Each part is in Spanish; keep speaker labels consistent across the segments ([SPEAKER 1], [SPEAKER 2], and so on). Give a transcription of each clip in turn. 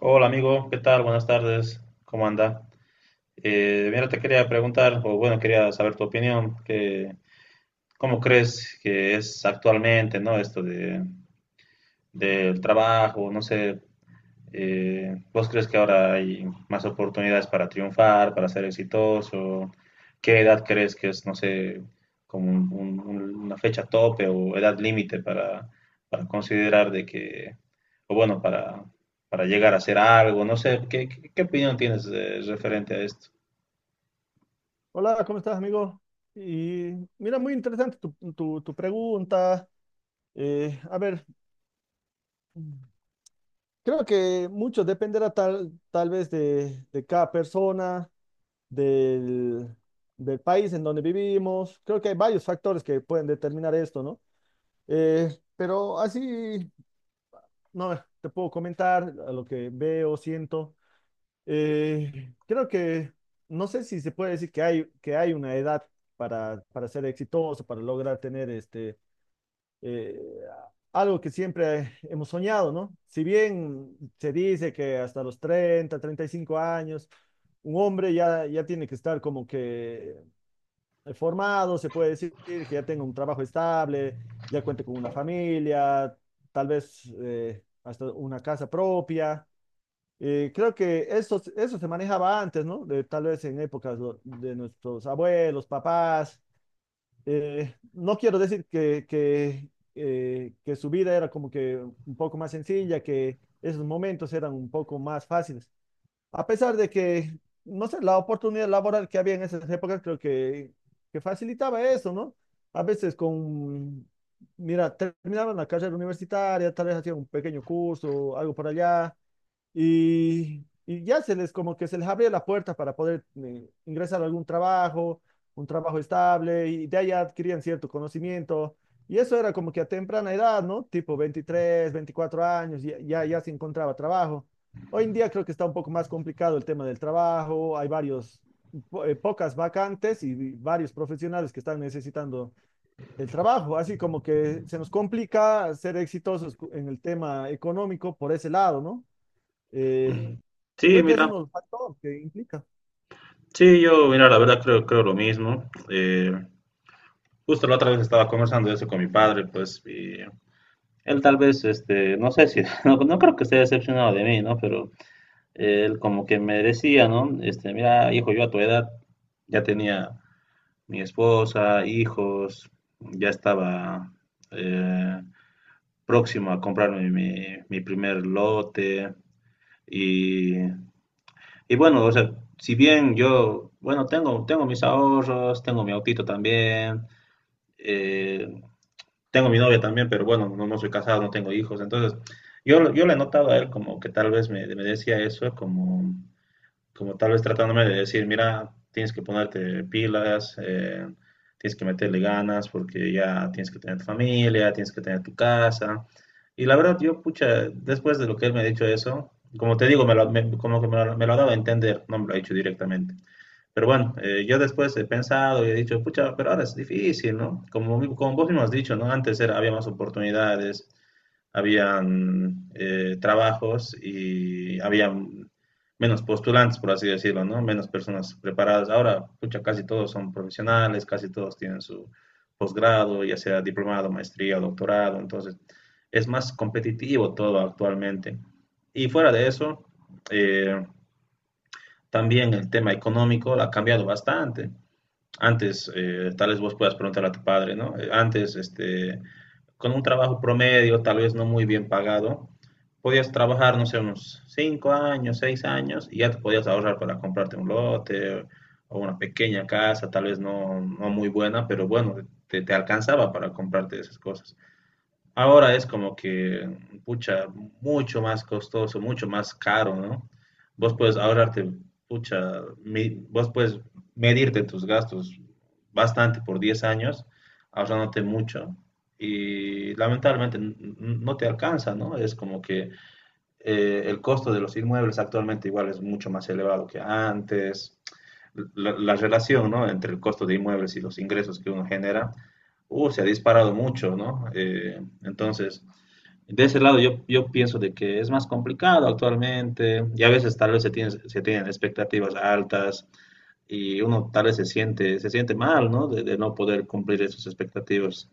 [SPEAKER 1] Hola amigo, ¿qué tal? Buenas tardes, ¿cómo anda? Mira, te quería preguntar, o bueno, quería saber tu opinión, que, ¿cómo crees que es actualmente? ¿No? Esto de, del trabajo, no sé, ¿vos crees que ahora hay más oportunidades para triunfar, para ser exitoso? ¿Qué edad crees que es, no sé, como una fecha tope o edad límite para considerar de que, o bueno, para llegar a hacer algo? No sé, ¿qué opinión tienes referente a esto?
[SPEAKER 2] Hola, ¿cómo estás, amigo? Y mira, muy interesante tu pregunta. A ver, creo que mucho dependerá tal vez de cada persona, del, del país en donde vivimos. Creo que hay varios factores que pueden determinar esto, ¿no? Eh, pero así, no, te puedo comentar a lo que veo, siento. Creo que, no sé si se puede decir que hay una edad para ser exitoso, para lograr tener este eh, algo que siempre hemos soñado, ¿no? Si bien se dice que hasta los 30, 35 años, un hombre ya tiene que estar como que formado, se puede decir que ya tenga un trabajo estable, ya cuente con una familia, tal vez hasta una casa propia. Creo que eso se manejaba antes, ¿no? Tal vez en épocas de nuestros abuelos, papás, no quiero decir que su vida era como que un poco más sencilla, que esos momentos eran un poco más fáciles, a pesar de que, no sé, la oportunidad laboral que había en esas épocas creo que facilitaba eso, ¿no? A veces con, mira, terminaban la carrera universitaria, tal vez hacían un pequeño curso, algo por allá, y ya se les, como que se les abría la puerta para poder ingresar a algún trabajo, un trabajo estable, y de allá adquirían cierto conocimiento. Y eso era como que a temprana edad, ¿no? Tipo 23 24 años, ya se encontraba trabajo. Hoy en día creo que está un poco más complicado el tema del trabajo, hay varios, pocas vacantes y varios profesionales que están necesitando el trabajo, así como que se nos complica ser exitosos en el tema económico por ese lado, ¿no? Eh,
[SPEAKER 1] Mm, sí,
[SPEAKER 2] Creo que es
[SPEAKER 1] mira,
[SPEAKER 2] uno de los factores que implica.
[SPEAKER 1] sí, yo, mira, la verdad creo lo mismo. Justo la otra vez estaba conversando de eso con mi padre, pues. Él tal vez, este, no sé si, no, no creo que esté decepcionado de mí, ¿no? Pero él como que me decía, ¿no? Este, mira, hijo, yo a tu edad ya tenía mi esposa, hijos, ya estaba eh, próximo a comprarme mi primer lote y bueno, o sea, si bien yo, bueno, tengo mis ahorros, tengo mi autito también, eh, tengo mi novia también, pero bueno, no, no soy casado, no tengo hijos. Entonces, yo le he notado a él como que tal vez me decía eso, como, como tal vez tratándome de decir, mira, tienes que ponerte pilas, tienes que meterle ganas porque ya tienes que tener tu familia, tienes que tener tu casa. Y la verdad, yo, pucha, después de lo que él me ha dicho eso, como te digo, como que me lo ha dado a entender, no me lo ha dicho directamente. Pero bueno, yo después he pensado y he dicho, pucha, pero ahora es difícil, ¿no? Como, como vos mismo has dicho, ¿no? Antes era, había más oportunidades, habían trabajos y había menos postulantes, por así decirlo, ¿no? Menos personas preparadas. Ahora, pucha, casi todos son profesionales, casi todos tienen su posgrado, ya sea diplomado, maestría o doctorado. Entonces, es más competitivo todo actualmente. Y fuera de eso, eh, también el tema económico ha cambiado bastante. Antes, tal vez vos puedas preguntar a tu padre, ¿no? Antes, este, con un trabajo promedio, tal vez no muy bien pagado, podías trabajar, no sé, unos 5 años, 6 años, y ya te podías ahorrar para comprarte un lote o una pequeña casa, tal vez no, no muy buena, pero bueno, te alcanzaba para comprarte esas cosas. Ahora es como que, pucha, mucho más costoso, mucho más caro, ¿no? Vos puedes ahorrarte, pucha, vos puedes medirte tus gastos bastante por 10 años, ahorrándote mucho. Y lamentablemente no te alcanza, ¿no? Es como que el costo de los inmuebles actualmente igual es mucho más elevado que antes. La relación, ¿no?, entre el costo de inmuebles y los ingresos que uno genera, se ha disparado mucho, ¿no? Entonces, de ese lado yo pienso de que es más complicado actualmente y a veces tal vez se tienen expectativas altas y uno tal vez se siente mal, ¿no? De no poder cumplir esas expectativas.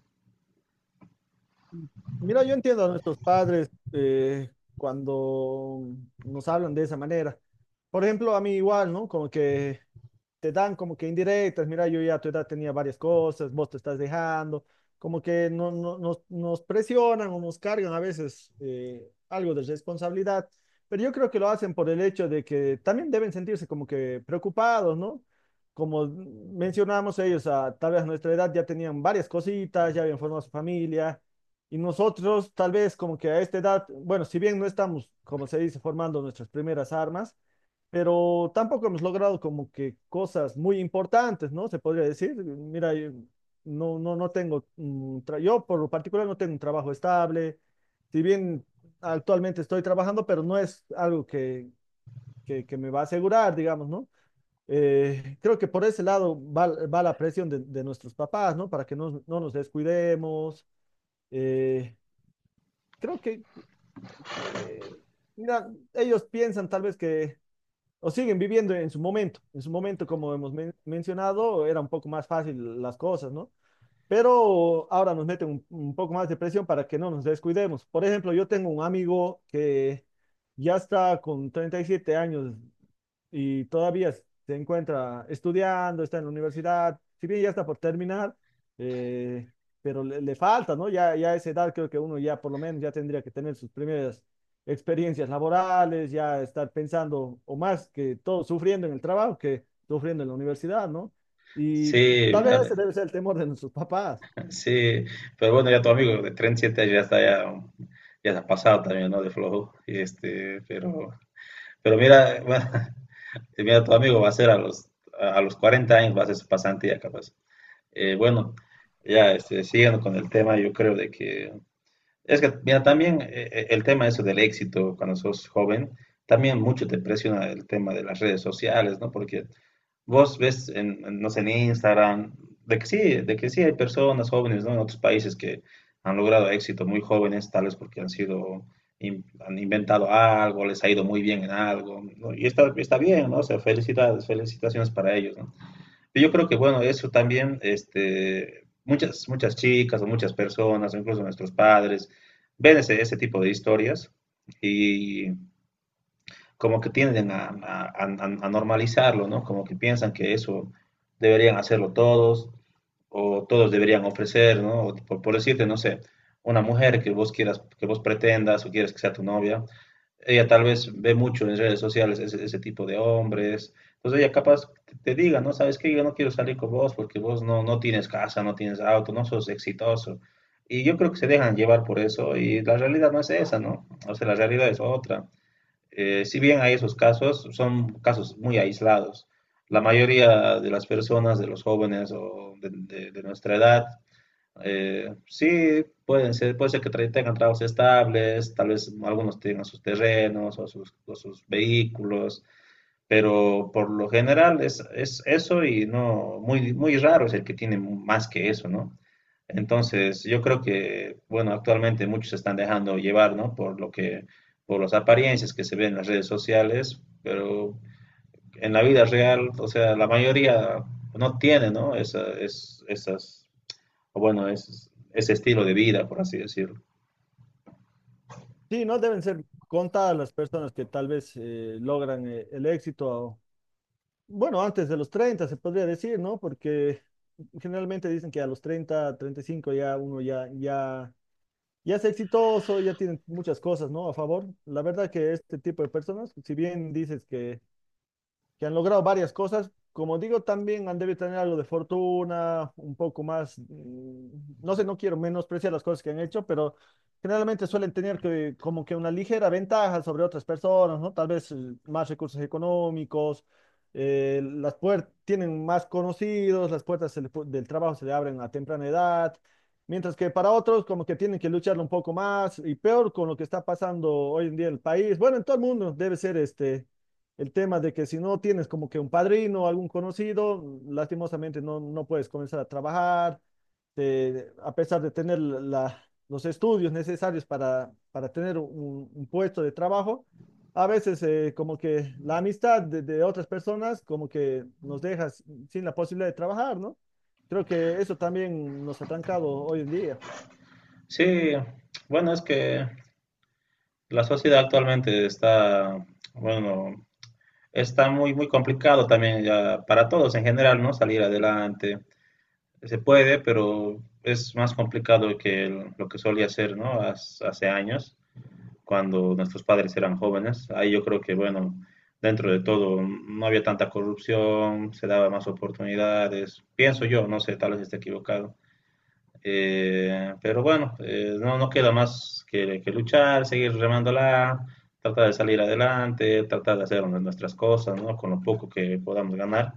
[SPEAKER 2] Mira, yo entiendo a nuestros padres cuando nos hablan de esa manera. Por ejemplo, a mí igual, ¿no? Como que te dan como que indirectas, mira, yo ya a tu edad tenía varias cosas, vos te estás dejando, como que nos presionan o nos cargan a veces algo de responsabilidad, pero yo creo que lo hacen por el hecho de que también deben sentirse como que preocupados, ¿no? Como mencionamos ellos, tal vez a nuestra edad ya tenían varias cositas, ya habían formado su familia y nosotros, tal vez como que a esta edad, bueno, si bien no estamos, como se dice, formando nuestras primeras armas, pero tampoco hemos logrado como que cosas muy importantes, ¿no? Se podría decir, mira, yo no tengo, un yo por lo particular no tengo un trabajo estable, si bien actualmente estoy trabajando, pero no es algo que me va a asegurar, digamos, ¿no? Creo que por ese lado va la presión de nuestros papás, ¿no? Para que no nos descuidemos. eh, Creo que, mira, ellos piensan tal vez que, o siguen viviendo en su momento, como hemos mencionado, era un poco más fácil las cosas, ¿no? Pero ahora nos meten un poco más de presión para que no nos descuidemos. Por ejemplo, yo tengo un amigo que ya está con 37 años y todavía se encuentra estudiando, está en la universidad, si bien ya está por terminar, eh, pero le falta, ¿no? Ya a esa edad creo que uno ya por lo menos ya tendría que tener sus primeras experiencias laborales, ya estar pensando, o más que todo, sufriendo en el trabajo que sufriendo en la universidad, ¿no? Y
[SPEAKER 1] Sí,
[SPEAKER 2] tal
[SPEAKER 1] mira,
[SPEAKER 2] vez ese debe ser el temor de nuestros papás.
[SPEAKER 1] sí, pero bueno, ya tu amigo de 37 años ya está, ya, ya se ha pasado también, ¿no? De flojo, y este, pero mira, mira, tu amigo va a ser a los 40 años, va a hacer su pasantía capaz. Bueno, ya, este, siguiendo con el tema, yo creo de que, es que, mira, también el tema eso del éxito cuando sos joven, también mucho te presiona el tema de las redes sociales, ¿no? Porque vos ves, no sé, en Instagram, de que sí hay personas jóvenes, ¿no? En otros países que han logrado éxito muy jóvenes, tales porque han sido, han inventado algo, les ha ido muy bien en algo, ¿no? Y está bien, ¿no? O sea, felicidades, felicitaciones para ellos, ¿no? Yo creo que, bueno, eso también, este, muchas chicas o muchas personas, incluso nuestros padres, ven ese tipo de historias y como que tienden a normalizarlo, ¿no? Como que piensan que eso deberían hacerlo todos o todos deberían ofrecer, ¿no? O por decirte, no sé, una mujer que vos quieras, que vos pretendas o quieres que sea tu novia, ella tal vez ve mucho en redes sociales ese tipo de hombres. Entonces ella capaz te diga, ¿no? ¿Sabes qué? Yo no quiero salir con vos porque vos no, no tienes casa, no tienes auto, no sos exitoso. Y yo creo que se dejan llevar por eso y la realidad no es esa, ¿no? O sea, la realidad es otra. Si bien hay esos casos, son casos muy aislados. La mayoría de las personas, de los jóvenes o de, de nuestra edad, sí, puede ser que tengan trabajos estables, tal vez algunos tengan sus terrenos o sus vehículos, pero por lo general es eso y no, muy raro es el que tiene más que eso, ¿no? Entonces, yo creo que, bueno, actualmente muchos se están dejando llevar, ¿no? Por lo que, por las apariencias que se ven en las redes sociales, pero en la vida real, o sea, la mayoría no tiene, ¿no?, esas o bueno, es, ese estilo de vida, por así decirlo.
[SPEAKER 2] Sí, no deben ser contadas las personas que tal vez logran el éxito. Bueno, antes de los 30 se podría decir, ¿no? Porque generalmente dicen que a los 30, 35 ya uno ya es exitoso, ya tiene muchas cosas, ¿no? A favor. La verdad que este tipo de personas, si bien dices que han logrado varias cosas. Como digo, también han debido tener algo de fortuna, un poco más, no sé, no quiero menospreciar las cosas que han hecho, pero generalmente suelen tener que, como que una ligera ventaja sobre otras personas, ¿no? Tal vez más recursos económicos, las puertas tienen más conocidos, las puertas se le del trabajo se le abren a temprana edad. Mientras que para otros como que tienen que lucharlo un poco más y peor con lo que está pasando hoy en día en el país. Bueno, en todo el mundo debe ser este, el tema de que si no tienes como que un padrino o algún conocido, lastimosamente no puedes comenzar a trabajar, a pesar de tener los estudios necesarios para tener un puesto de trabajo, a veces como que la amistad de otras personas como que nos deja sin la posibilidad de trabajar, ¿no? Creo que eso también nos ha trancado hoy en día.
[SPEAKER 1] Sí, bueno, es que la sociedad actualmente está, bueno, está muy, muy complicado también ya para todos en general, ¿no? Salir adelante. Se puede, pero es más complicado que lo que solía ser, ¿no? Hace años, cuando nuestros padres eran jóvenes. Ahí yo creo que, bueno, dentro de todo no había tanta corrupción, se daba más oportunidades. Pienso yo, no sé, tal vez esté equivocado. Pero bueno, no, no queda más que luchar, seguir remándola, tratar de salir adelante, tratar de hacer nuestras cosas, ¿no? Con lo poco que podamos ganar,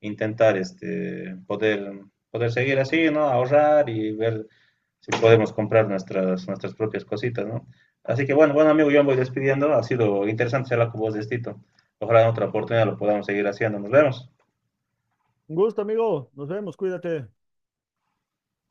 [SPEAKER 1] intentar este, poder, poder seguir así, ¿no? Ahorrar y ver si podemos comprar nuestras, nuestras propias cositas, ¿no? Así que bueno, bueno amigo, yo me voy despidiendo. Ha sido interesante charlar con vos de esto. Ojalá en otra oportunidad lo podamos seguir haciendo. Nos vemos.
[SPEAKER 2] Un gusto, amigo. Nos vemos. Cuídate.